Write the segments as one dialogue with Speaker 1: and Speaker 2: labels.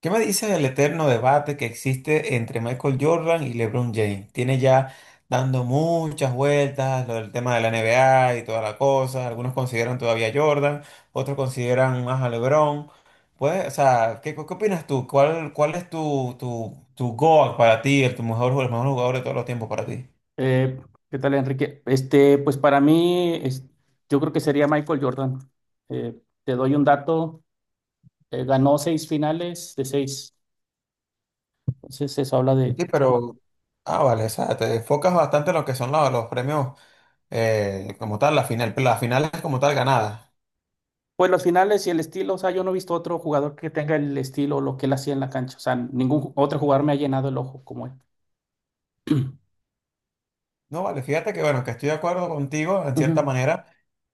Speaker 1: ¿Qué me dice del eterno debate que existe entre Michael Jordan y LeBron James? Tiene ya dando muchas vueltas lo del tema de la NBA y toda la cosa. Algunos consideran todavía a Jordan, otros consideran más a LeBron. Pues, o sea, ¿qué opinas tú? ¿Cuál, cuál es tu GOAT para ti, el, tu mejor, el mejor jugador de todos los tiempos para ti?
Speaker 2: Eh, ¿Qué tal, Enrique? Pues para mí, yo creo que sería Michael Jordan. Te doy un dato, ganó seis finales de seis. Entonces eso habla de,
Speaker 1: Sí, pero, ah, vale, o sea, te enfocas bastante en lo que son los premios, como tal, la final, las finales como tal ganadas.
Speaker 2: pues los finales y el estilo. O sea, yo no he visto otro jugador que tenga el estilo, lo que él hacía en la cancha. O sea, otro jugador me ha llenado el ojo como él.
Speaker 1: No, vale, fíjate que bueno, que estoy de acuerdo contigo en cierta
Speaker 2: Ujú.
Speaker 1: manera.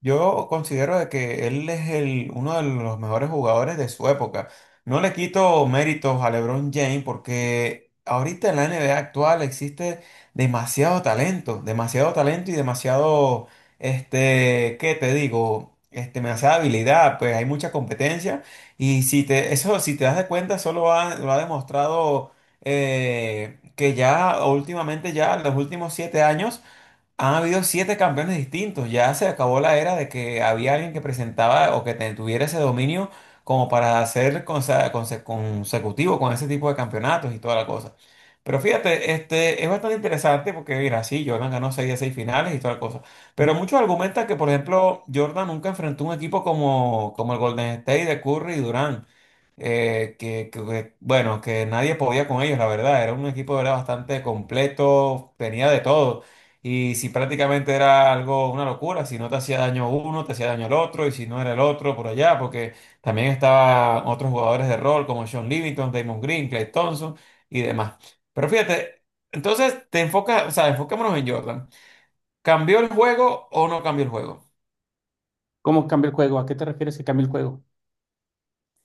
Speaker 1: Yo considero de que él es el, uno de los mejores jugadores de su época. No le quito méritos a LeBron James porque ahorita en la NBA actual existe demasiado talento y demasiado, este, ¿qué te digo? Este, demasiada habilidad, pues hay mucha competencia y si te, eso, si te das de cuenta, solo lo ha demostrado, que ya últimamente, ya en los últimos 7 años, han habido siete campeones distintos. Ya se acabó la era de que había alguien que presentaba o que tuviera ese dominio como para ser consecutivo con ese tipo de campeonatos y toda la cosa. Pero fíjate, este, es bastante interesante porque, mira, sí, Jordan ganó seis de seis finales y toda la cosa.
Speaker 2: Ujú.
Speaker 1: Pero muchos argumentan que, por ejemplo, Jordan nunca enfrentó un equipo como el Golden State de Curry y Durant, bueno, que nadie podía con ellos, la verdad. Era un equipo era bastante completo, tenía de todo. Y si prácticamente era algo, una locura, si no te hacía daño uno, te hacía daño el otro, y si no era el otro, por allá, porque también estaban otros jugadores de rol como Sean Livingston, Damon Green, Clay Thompson y demás. Pero fíjate, entonces te enfocas, o sea, enfocémonos en Jordan. ¿Cambió el juego o no cambió el juego?
Speaker 2: ¿Cómo cambia el juego? ¿A qué te refieres que cambia el juego?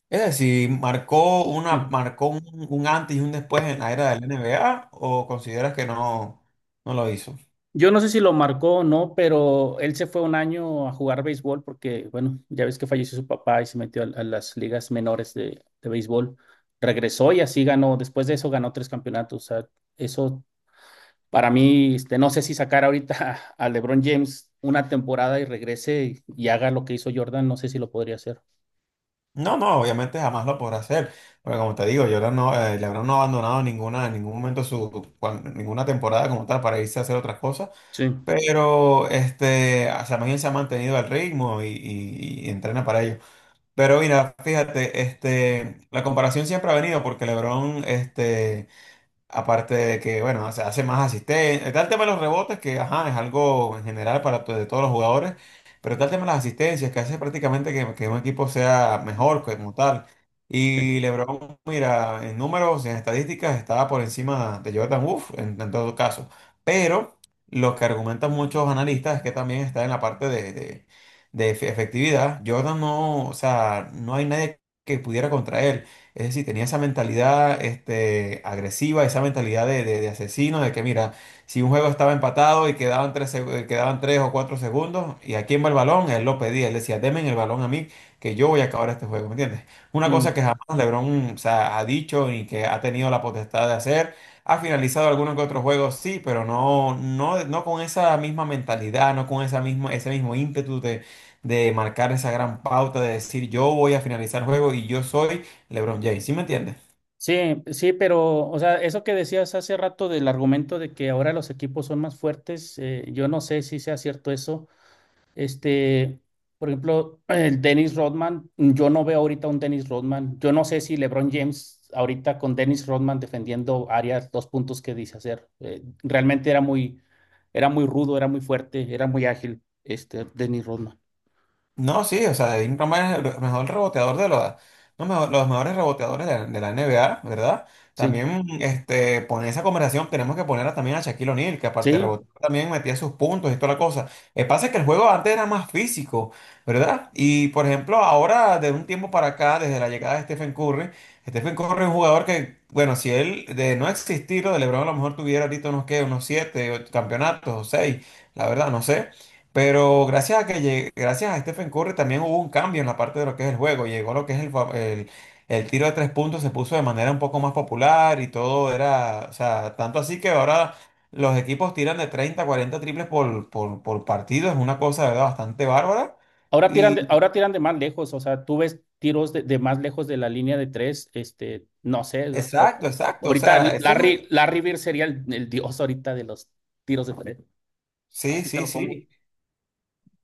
Speaker 1: Es decir, ¿marcó una,
Speaker 2: Sí.
Speaker 1: marcó un antes y un después en la era del NBA o consideras que no, no lo hizo?
Speaker 2: Yo no sé si lo marcó o no, pero él se fue un año a jugar béisbol porque, bueno, ya ves que falleció su papá y se metió a las ligas menores de béisbol. Regresó y así ganó. Después de eso ganó tres campeonatos. O sea, eso para mí, no sé si sacar ahorita a LeBron James una temporada y regrese y haga lo que hizo Jordan, no sé si lo podría hacer.
Speaker 1: No, no, obviamente jamás lo podrá hacer. Porque como te digo, Jordan no, LeBron no ha abandonado ninguna, en ningún momento ninguna temporada como tal para irse a hacer otras cosas.
Speaker 2: Sí,
Speaker 1: Pero este, o sea, más bien se ha mantenido al ritmo y entrena para ello. Pero mira, fíjate, este, la comparación siempre ha venido porque LeBron, este. Aparte de que, bueno, se hace más asistencia. Está el tema de los rebotes, que ajá, es algo en general para de todos los jugadores, pero está el tema de las asistencias, que hace prácticamente que un equipo sea mejor como tal.
Speaker 2: sí,
Speaker 1: Y LeBron, mira, en números, en estadísticas, estaba por encima de Jordan Wolf en todo caso. Pero lo que argumentan muchos analistas es que también está en la parte de efectividad. Jordan no, o sea, no hay nadie que pudiera contra él. Es decir, tenía esa mentalidad este, agresiva, esa mentalidad de asesino, de que mira, si un juego estaba empatado y quedaban 3 o 4 segundos, y a quién va el balón, él lo pedía, él decía, deme el balón a mí, que yo voy a acabar este juego, ¿me entiendes? Una cosa
Speaker 2: sí.
Speaker 1: que jamás LeBron, o sea, ha dicho y que ha tenido la potestad de hacer. Ha finalizado algunos que otros juegos, sí, pero no, no, no con esa misma mentalidad, no con esa misma, ese mismo ímpetu de marcar esa gran pauta, de decir yo voy a finalizar el juego y yo soy LeBron James, ¿sí me entiendes?
Speaker 2: Sí, sí, pero, o sea, eso que decías hace rato del argumento de que ahora los equipos son más fuertes, yo no sé si sea cierto eso. Este, por ejemplo, el Dennis Rodman, yo no veo ahorita un Dennis Rodman. Yo no sé si LeBron James ahorita con Dennis Rodman defendiendo áreas, dos puntos que dice hacer. Realmente era muy rudo, era muy fuerte, era muy ágil, este Dennis Rodman.
Speaker 1: No, sí, o sea, Devin Roma es el mejor reboteador de los, no, los mejores reboteadores de la NBA, ¿verdad?
Speaker 2: Sí,
Speaker 1: También, este, poner esa conversación, tenemos que poner también a Shaquille O'Neal, que aparte de
Speaker 2: sí.
Speaker 1: rebotear, también metía sus puntos y toda la cosa. El pasa es que el juego antes era más físico, ¿verdad? Y, por ejemplo, ahora, de un tiempo para acá, desde la llegada de Stephen Curry, Stephen Curry es un jugador que, bueno, si él de no existir, lo de LeBron a lo mejor tuviera ahorita unos, ¿qué? Unos siete ocho campeonatos o seis, la verdad, no sé. Pero gracias a Stephen Curry también hubo un cambio en la parte de lo que es el juego. Llegó lo que es el tiro de 3 puntos, se puso de manera un poco más popular y todo era, o sea, tanto así que ahora los equipos tiran de 30 40 triples por partido. Es una cosa de verdad bastante bárbara. Y
Speaker 2: Ahora tiran de más lejos, o sea, tú ves tiros de más lejos de la línea de tres, no sé, o sea,
Speaker 1: exacto, exacto, o
Speaker 2: ahorita
Speaker 1: sea,
Speaker 2: Larry Bird sería el dios ahorita de los tiros de tres.
Speaker 1: sí,
Speaker 2: Así te
Speaker 1: sí,
Speaker 2: lo pongo.
Speaker 1: sí.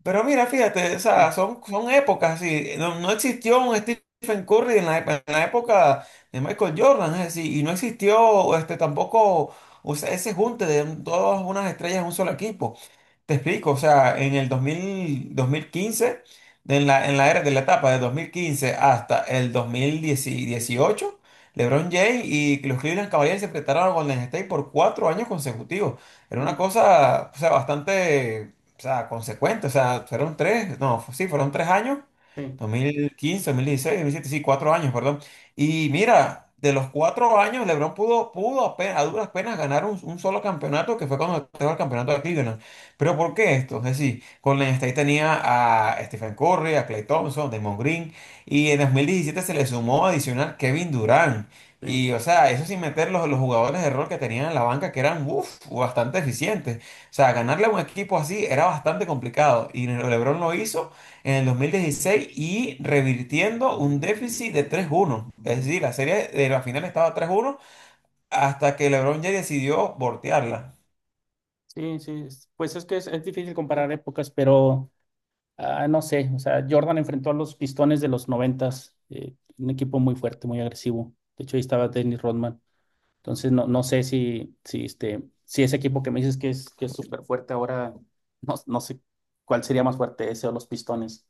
Speaker 1: Pero mira, fíjate, o sea, son, son épocas así. No, no existió un Stephen Curry en en la época de Michael Jordan, es decir, y no existió este, tampoco o sea, ese junte de todas unas estrellas en un solo equipo. Te explico, o sea, en el 2000, 2015, en la era de la etapa de 2015 hasta el 2018, LeBron James y los Cleveland Cavaliers se enfrentaron a Golden State por 4 años consecutivos. Era una cosa, o sea, bastante, o sea, consecuente, o sea, fueron tres, no, sí, fueron 3 años,
Speaker 2: Sí,
Speaker 1: 2015, 2016, 2017, sí, 4 años, perdón. Y mira, de los 4 años, LeBron pudo apenas, a duras penas ganar un solo campeonato, que fue cuando estaba el campeonato de Cleveland. Pero ¿por qué esto? Es decir, Golden State tenía a Stephen Curry, a Klay Thompson, Draymond Green, y en 2017 se le sumó adicional Kevin Durant.
Speaker 2: sí,
Speaker 1: Y, o sea, eso sin meter los jugadores de rol que tenían en la banca, que eran, uf, bastante eficientes. O sea, ganarle a un equipo así era bastante complicado. Y LeBron lo hizo en el 2016 y revirtiendo un déficit de 3-1. Es decir, la serie de la final estaba 3-1 hasta que LeBron ya decidió voltearla.
Speaker 2: sí, sí. Pues es que es difícil comparar épocas, pero no sé, o sea, Jordan enfrentó a los Pistones de los noventas, un equipo muy fuerte, muy agresivo. De hecho, ahí estaba Dennis Rodman. Entonces, no, no sé si, si ese equipo que me dices que es súper fuerte ahora, no, no sé cuál sería más fuerte, ese o los Pistones.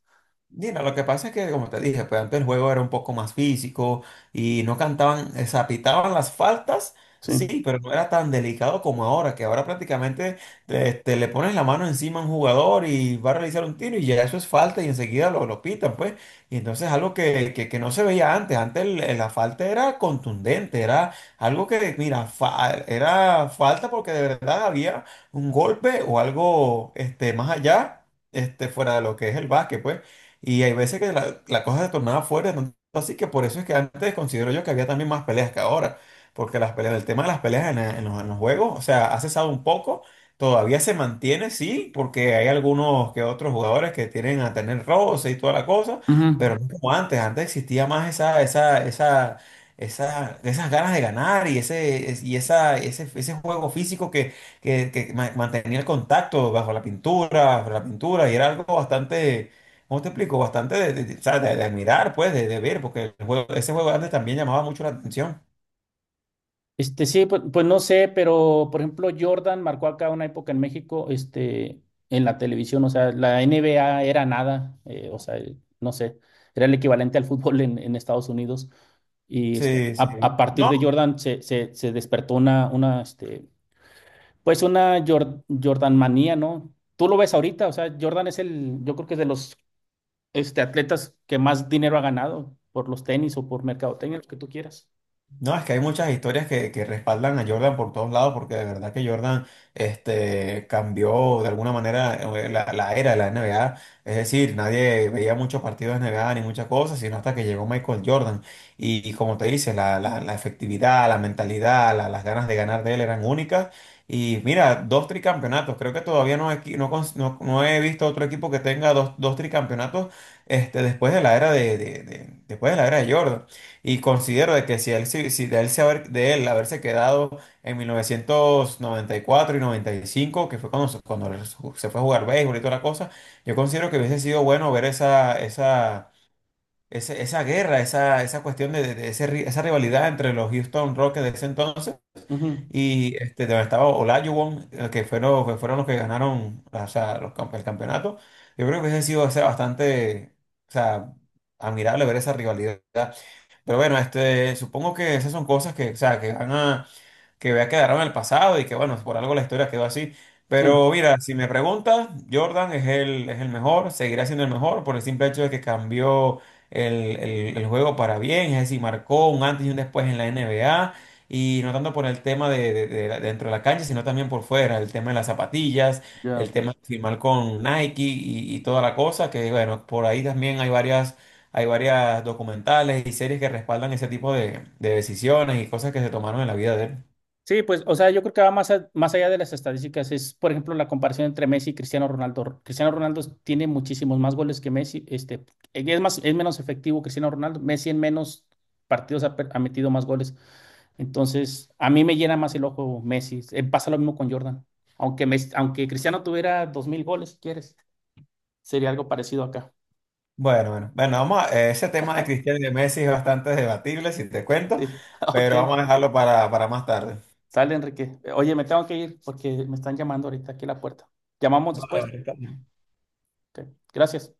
Speaker 1: Mira, lo que pasa es que, como te dije, pues antes el juego era un poco más físico y no cantaban, zapitaban las faltas,
Speaker 2: Sí.
Speaker 1: sí, pero no era tan delicado como ahora, que ahora prácticamente te, te le pones la mano encima a un jugador y va a realizar un tiro y ya eso es falta y enseguida lo pitan, pues. Y entonces algo que no se veía antes, antes la falta era contundente, era algo que, mira, era falta porque de verdad había un golpe o algo este, más allá, este, fuera de lo que es el básquet, pues. Y hay veces que la cosa se tornaba fuerte, tanto así que por eso es que antes considero yo que había también más peleas que ahora, porque las peleas, el tema de las peleas en los juegos, o sea, ha cesado un poco, todavía se mantiene, sí, porque hay algunos que otros jugadores que tienen a tener roce y toda la cosa,
Speaker 2: Ujú.
Speaker 1: pero no como antes, antes existía más esas ganas de ganar y ese, y esa, ese juego físico que, que mantenía el contacto bajo la pintura, y era algo bastante. ¿Cómo te explico? Bastante o sea, de admirar, pues, de ver, porque el ese juego antes también llamaba mucho la atención.
Speaker 2: Sí, pues, pues no sé, pero por ejemplo, Jordan marcó acá una época en México, en la televisión, o sea, la NBA era nada, o sea, no sé, era el equivalente al fútbol en Estados Unidos. Y este,
Speaker 1: Sí,
Speaker 2: a
Speaker 1: sí.
Speaker 2: partir
Speaker 1: No,
Speaker 2: de Jordan se despertó pues una Jordan manía, ¿no? Tú lo ves ahorita, o sea, Jordan es el, yo creo que es de los atletas que más dinero ha ganado por los tenis o por mercadotecnia, lo que tú quieras.
Speaker 1: no, es que hay muchas historias que respaldan a Jordan por todos lados, porque de verdad que Jordan este, cambió de alguna manera, la era de la NBA. Es decir, nadie veía muchos partidos de NBA ni muchas cosas, sino hasta que llegó Michael Jordan. Y como te dice, la efectividad, la mentalidad, las ganas de ganar de él eran únicas. Y mira, dos tricampeonatos. Creo que todavía no, he qui- no, cons- no- no he visto otro equipo que tenga dos tricampeonatos este, después de la era después de la era de Jordan. Y considero de que si, él, si si de, él se haber- de él haberse quedado en 1994 y 95, que fue cuando él se fue a jugar béisbol y toda la cosa, yo considero que hubiese sido bueno ver esa guerra, esa cuestión esa rivalidad entre los Houston Rockets de ese entonces
Speaker 2: Ujú.
Speaker 1: y este, donde estaba Olajuwon, que fueron los que ganaron o sea, el campeonato. Yo creo que hubiese sido o sea, bastante o sea, admirable ver esa rivalidad. Pero bueno, este, supongo que esas son cosas que, o sea, que ya quedaron en el pasado y que bueno, por algo la historia quedó así.
Speaker 2: Sí,
Speaker 1: Pero mira, si me preguntas, Jordan es el mejor, seguirá siendo el mejor por el simple hecho de que cambió el juego para bien, es decir, marcó un antes y un después en la NBA. Y no tanto por el tema dentro de la cancha, sino también por fuera, el tema de las zapatillas, el
Speaker 2: ya.
Speaker 1: tema de firmar con Nike y toda la cosa, que bueno, por ahí también hay varias documentales y series que respaldan ese tipo de decisiones y cosas que se tomaron en la vida de él.
Speaker 2: Sí, pues, o sea, yo creo que va más, más allá de las estadísticas. Es, por ejemplo, la comparación entre Messi y Cristiano Ronaldo. Cristiano Ronaldo tiene muchísimos más goles que Messi. Es más, es menos efectivo Cristiano Ronaldo. Messi en menos partidos ha metido más goles. Entonces, a mí me llena más el ojo Messi. Pasa lo mismo con Jordan. Aunque, aunque Cristiano tuviera 2000 goles, si quieres, sería algo parecido acá.
Speaker 1: Bueno, bueno, bueno, ese tema de Cristiano y de Messi es bastante debatible, si te cuento,
Speaker 2: Sí, ok.
Speaker 1: pero vamos a dejarlo para más tarde.
Speaker 2: Sale, Enrique. Oye, me tengo que ir porque me están llamando ahorita aquí a la puerta. ¿Llamamos
Speaker 1: Vale,
Speaker 2: después?
Speaker 1: vale, está bien.
Speaker 2: Ok. Gracias.